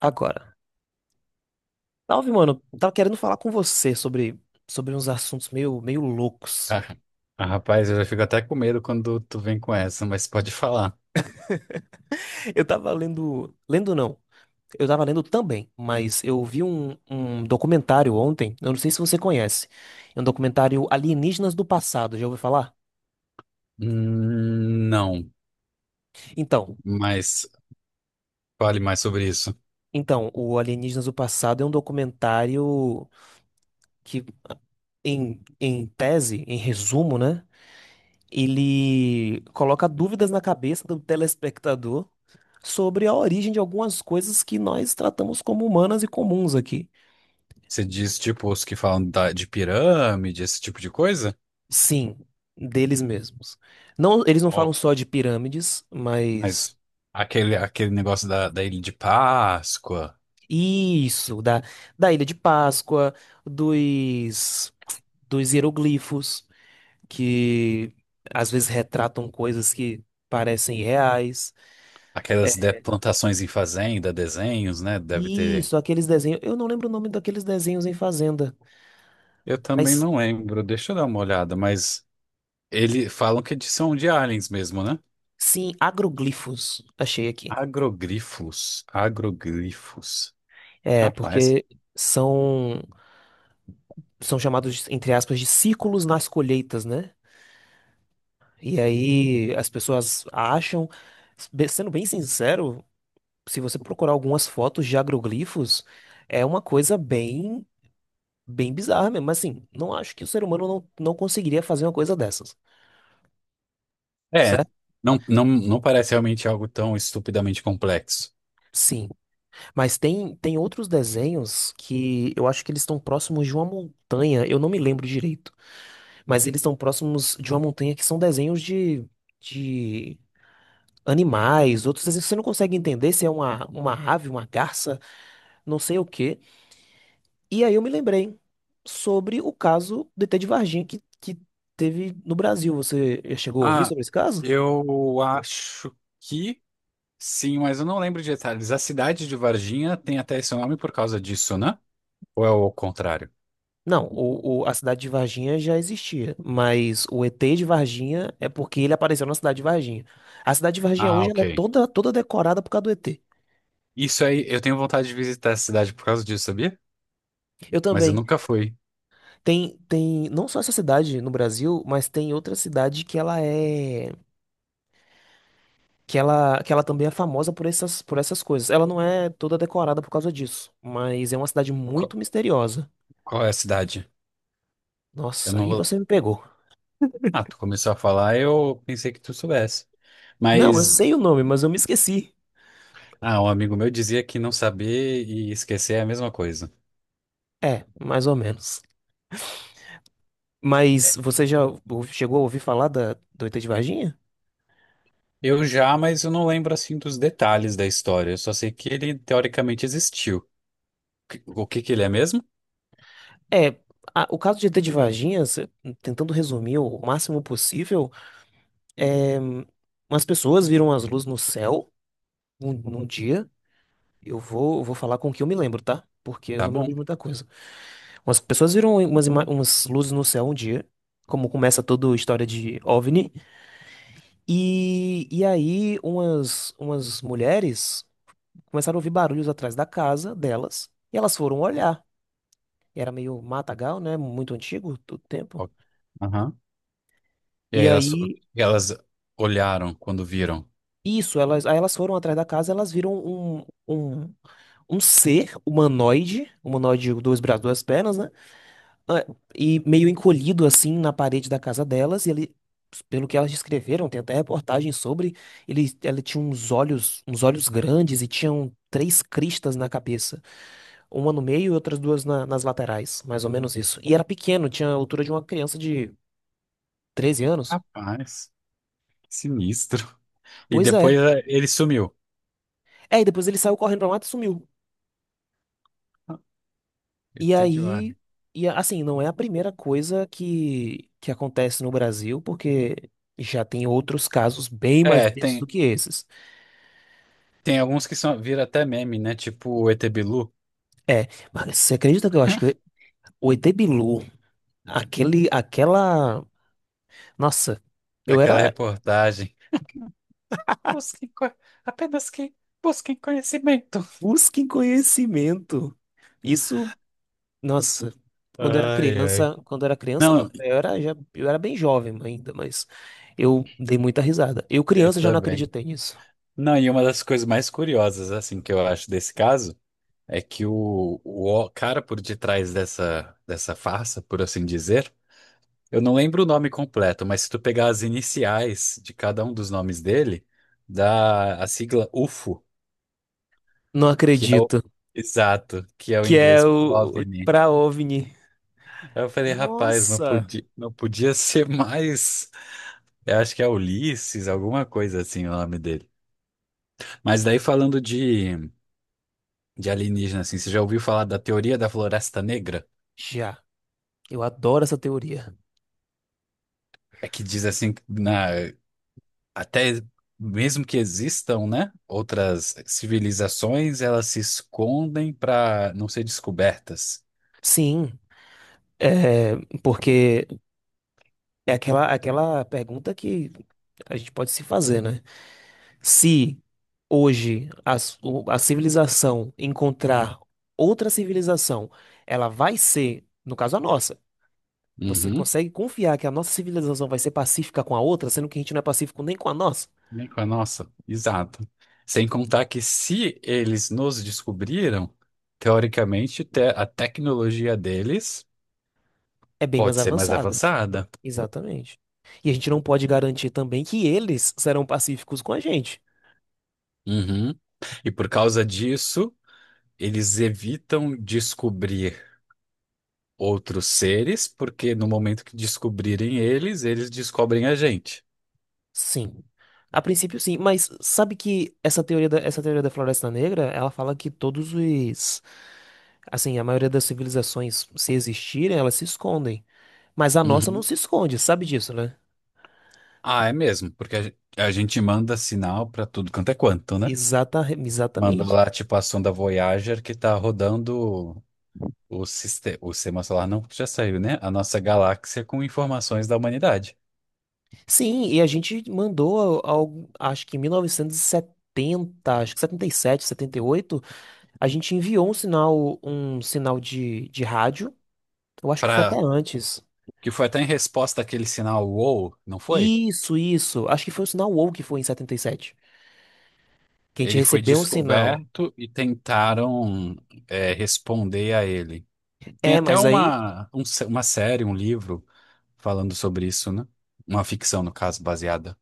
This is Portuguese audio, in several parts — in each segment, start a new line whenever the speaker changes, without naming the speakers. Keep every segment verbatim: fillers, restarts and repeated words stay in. Agora, salve, mano. Eu tava querendo falar com você sobre, sobre uns assuntos meio, meio loucos.
Ah, ah, Rapaz, eu já fico até com medo quando tu vem com essa, mas pode falar.
Eu tava lendo. Lendo não. Eu tava lendo também, mas eu vi um, um documentário ontem. Eu não sei se você conhece. É um documentário Alienígenas do Passado. Já ouviu falar?
Hum, não,
Então,
mas fale mais sobre isso.
então, o Alienígenas do Passado é um documentário que, em, em tese, em resumo, né? Ele coloca dúvidas na cabeça do telespectador sobre a origem de algumas coisas que nós tratamos como humanas e comuns aqui.
Você diz, tipo, os que falam da- de pirâmide, esse tipo de coisa?
Sim, deles mesmos. Não, eles não falam
Ou-
só de pirâmides, mas
Mas aquele, aquele negócio da, da Ilha de Páscoa,
isso, da, da Ilha de Páscoa, dos, dos hieroglifos, que às vezes retratam coisas que parecem reais.
aquelas de- plantações em fazenda, desenhos, né? Deve ter.
Isso, aqueles desenhos. Eu não lembro o nome daqueles desenhos em Fazenda,
Eu também
mas
não lembro, deixa eu dar uma olhada, mas eles falam que de- são de aliens mesmo, né?
sim, agroglifos. Achei aqui.
Agrogrifos, agrogrifos.
É,
Rapaz.
porque são. são chamados, de- entre aspas, de ciclos nas colheitas, né? E aí as pessoas acham, be- sendo bem sincero, se você procurar algumas fotos de agroglifos, é uma coisa bem, bem bizarra mesmo. Mas assim, não acho que o ser humano não, não conseguiria fazer uma coisa dessas,
É,
certo?
não, não, não parece realmente algo tão estupidamente complexo.
Sim, mas tem, tem outros desenhos que eu acho que eles estão próximos de uma montanha, eu não me lembro direito, mas eles estão próximos de uma montanha que são desenhos de, de animais, outros assim, que você não consegue entender se é uma, uma ave, uma garça, não sei o quê. E aí eu me lembrei sobre o caso do E T de Varginha que, que teve no Brasil. Você chegou a ouvir
Ah,
sobre esse caso?
eu acho que sim, mas eu não lembro de detalhes. A cidade de Varginha tem até esse nome por causa disso, né? Ou é o contrário?
Não, o, o- a cidade de Varginha já existia, mas o E T de Varginha é porque ele apareceu na cidade de Varginha. A cidade de Varginha
Ah,
hoje ela
ok.
é toda, toda decorada por causa do E T.
Isso aí, eu tenho vontade de visitar a cidade por causa disso, sabia?
Eu
Mas eu
também.
nunca fui.
Tem, tem não só essa cidade no Brasil, mas tem outra cidade que ela é que ela, que ela também é famosa por essas, por essas coisas. Ela não é toda decorada por causa disso, mas é uma cidade
Qual,
muito misteriosa.
qual é a cidade? Eu
Nossa,
não
aí
vou.
você me pegou.
Ah, tu começou a falar, eu pensei que tu soubesse.
Não, eu
Mas,
sei o nome, mas eu me esqueci.
ah, Um amigo meu dizia que não saber e esquecer é a mesma coisa.
É, mais ou menos. Mas você já ou- chegou a ouvir falar da, do E T de Varginha?
Eu já, mas eu não lembro assim dos detalhes da história. Eu só sei que ele teoricamente existiu. Que- O que que ele é mesmo?
É, a- o caso de E T de Varginha, se- tentando resumir o máximo possível, hum, umas pessoas viram as luzes no céu um, num dia. Eu vou, eu vou falar com o que eu me lembro, tá? Porque eu
Tá
não me lembro
bom.
de muita coisa. Umas pessoas viram umas, ima- umas luzes no céu um dia, como começa toda a história de OVNI. E, e aí umas, umas mulheres começaram a ouvir barulhos atrás da casa delas. E elas foram olhar. E era meio matagal, né? Muito antigo, todo tempo.
Ó. Aham. E
E
aí elas,
aí,
elas olharam quando viram.
isso, elas, aí elas foram atrás da casa, elas viram um, um, um ser humanoide, humanoide, dois braços, duas pernas, né? é, e meio encolhido assim na parede da casa delas, e ele, pelo que elas descreveram, tem até reportagem sobre, ele, ela tinha uns olhos, uns olhos grandes e tinham três cristas na cabeça. Uma no meio e outras duas na- nas laterais, mais ou menos isso. E era pequeno, tinha a altura de uma criança de treze anos.
Rapaz, que sinistro. E
Pois é.
depois é, ele sumiu.
É, e depois ele saiu correndo pra mata e sumiu.
Ah,
E
Ê Tê de Varna.
aí, e assim, não é a primeira coisa que, que acontece no Brasil, porque já tem outros casos bem mais
É,
tensos do
tem,
que esses.
tem alguns que são, viram até meme, né? Tipo o Ê Tê Bilu,
É, mas você acredita que eu acho que o E T Bilu, aquele, aquela. Nossa, eu
aquela
era.
reportagem. Busquem, co- apenas que Busquem conhecimento.
Busque conhecimento. Isso. Nossa, quando era
Ai, ai.
criança, quando era criança, não,
Não,
eu era, já, eu era bem jovem ainda, mas eu dei muita risada. Eu,
eu
criança, já não
também.
acreditei nisso.
Não, e uma das coisas mais curiosas, assim, que eu acho desse caso é que o, o cara por detrás dessa, dessa farsa, por assim dizer, eu não lembro o nome completo, mas se tu pegar as iniciais de cada um dos nomes dele, dá a sigla ufo,
Não
que é o
acredito.
exato, que é o
Que é
inglês
o,
para
o
OVNI.
pra OVNI.
Aí eu falei, rapaz, não
Nossa!
podia, não podia ser mais. Eu acho que é Ulisses, alguma coisa assim o nome dele. Mas daí falando de de alienígena, assim. Você já ouviu falar da teoria da Floresta Negra?
Já, eu adoro essa teoria.
É que diz assim, que na, até mesmo que existam, né, outras civilizações, elas se escondem para não ser descobertas.
Sim, é, porque é aquela, aquela pergunta que a gente pode se fazer, né? Se hoje a, s- o- a civilização encontrar outra civilização, ela vai ser, no caso a nossa, você
Uhum.
consegue confiar que a nossa civilização vai ser pacífica com a outra, sendo que a gente não é pacífico nem com a nossa?
Bem com a nossa, exato. Sem contar que se eles nos descobriram, teoricamente te- a tecnologia deles
É bem mais
pode ser mais
avançada.
avançada.
Exatamente. E a gente não pode garantir também que eles serão pacíficos com a gente.
Uhum. E por causa disso, eles evitam descobrir outros seres, porque no momento que descobrirem eles, eles descobrem a gente.
Sim. A princípio, sim, mas sabe que essa teoria da, essa teoria da Floresta Negra, ela fala que todos os, assim, a maioria das civilizações, se existirem, elas se escondem. Mas a nossa não
Uhum.
se esconde, sabe disso, né?
Ah, é mesmo, porque a, gen- a gente manda sinal pra tudo quanto é quanto, né?
Exata,
Manda
exatamente.
lá, tipo, a sonda Voyager que tá rodando o sistema, o sistema solar, não, porque já saiu, né? A nossa galáxia com informações da humanidade.
Sim, e a gente mandou, ao, acho que em mil novecentos e setenta acho que setenta setenta e sete setenta e oito a gente enviou um sinal, um sinal de, de rádio, eu acho que foi até
Pra,
antes.
que foi até em resposta àquele sinal WOW, não foi?
Isso, isso, acho que foi o sinal WOW que foi em setenta e sete. Que a gente
Ele foi
recebeu um sinal.
descoberto e tentaram, é, responder a ele. Tem
É,
até
mas aí.
uma, um se- uma série, um livro falando sobre isso, né? Uma ficção, no caso, baseada.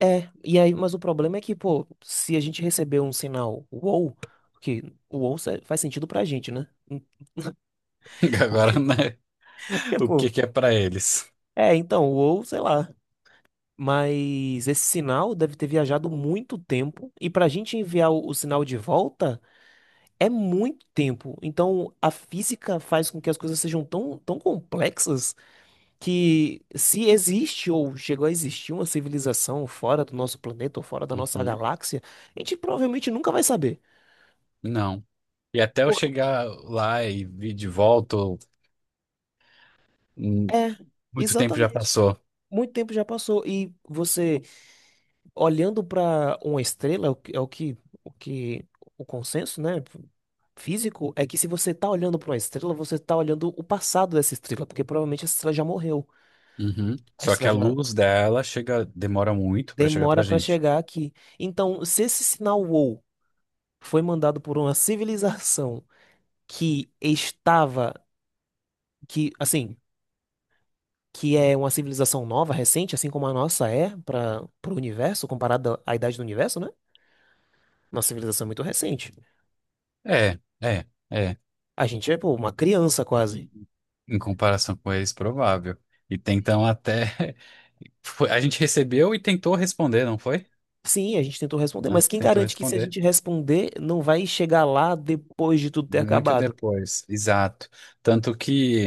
É. E aí, mas o problema é que, pô, se a gente receber um sinal wow, que o wow se- faz sentido pra gente, né?
Agora, né? O que
Tipo,
que é pra eles?
é, então, wow, sei lá. Mas esse sinal deve ter viajado muito tempo. E pra gente enviar o, o sinal de volta é muito tempo. Então, a física faz com que as coisas sejam tão, tão complexas que se existe ou chegou a existir uma civilização fora do nosso planeta ou fora da nossa
Uhum.
galáxia, a gente provavelmente nunca vai saber.
Não. E até eu
Porque
chegar lá e vir de volta, hum,
é,
muito tempo já
exatamente.
passou.
Muito tempo já passou e você olhando para uma estrela, é o que é o que o que- o consenso, né, físico é que se você tá olhando para uma estrela, você tá olhando o passado dessa estrela, porque provavelmente essa estrela já morreu.
Uhum.
A
Só que
estrela
a
já
luz dela chega, demora muito pra chegar pra
demora para
gente.
chegar aqui. Então, se esse sinal WOW foi mandado por uma civilização que estava, que assim, que é uma civilização nova, recente, assim como a nossa é para o universo, comparada à idade do universo, né? Nossa civilização é muito recente.
É, é, é.
A gente é, pô, uma criança quase.
E- Em comparação com eles, provável. E tentam até. foi- A gente recebeu e tentou responder, não foi?
Sim, a gente tentou responder,
Ah,
mas quem
tentou
garante que se a
responder.
gente responder, não vai chegar lá depois de tudo ter
Muito
acabado?
depois, exato. Tanto que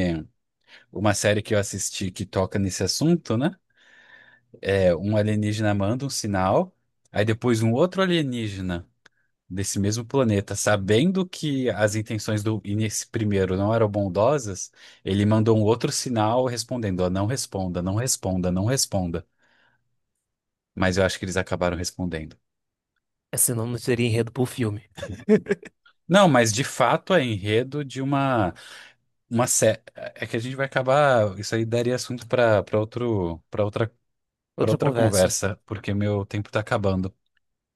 uma série que eu assisti que toca nesse assunto, né? É um alienígena manda um sinal, aí depois um outro alienígena desse mesmo planeta, sabendo que as intenções do nesse primeiro não eram bondosas, ele mandou um outro sinal respondendo, ó, não responda, não responda, não responda. Mas eu acho que eles acabaram respondendo.
É, senão não seria enredo pro filme.
Não, mas de fato é enredo de uma. uma sé... É que a gente vai acabar. Isso aí daria assunto para para outro para outra para
Outra
outra
conversa.
conversa, porque meu tempo tá acabando.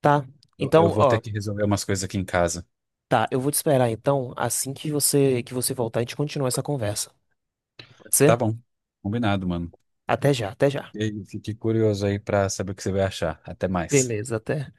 Tá.
Eu, eu
Então,
vou ter
ó,
que resolver umas coisas aqui em casa.
tá, eu vou te esperar então, assim que você que você voltar, a gente continua essa conversa. Pode
Tá
ser?
bom. Combinado, mano.
Até já, até já.
E aí, fiquei curioso aí pra saber o que você vai achar. Até mais.
Beleza, até.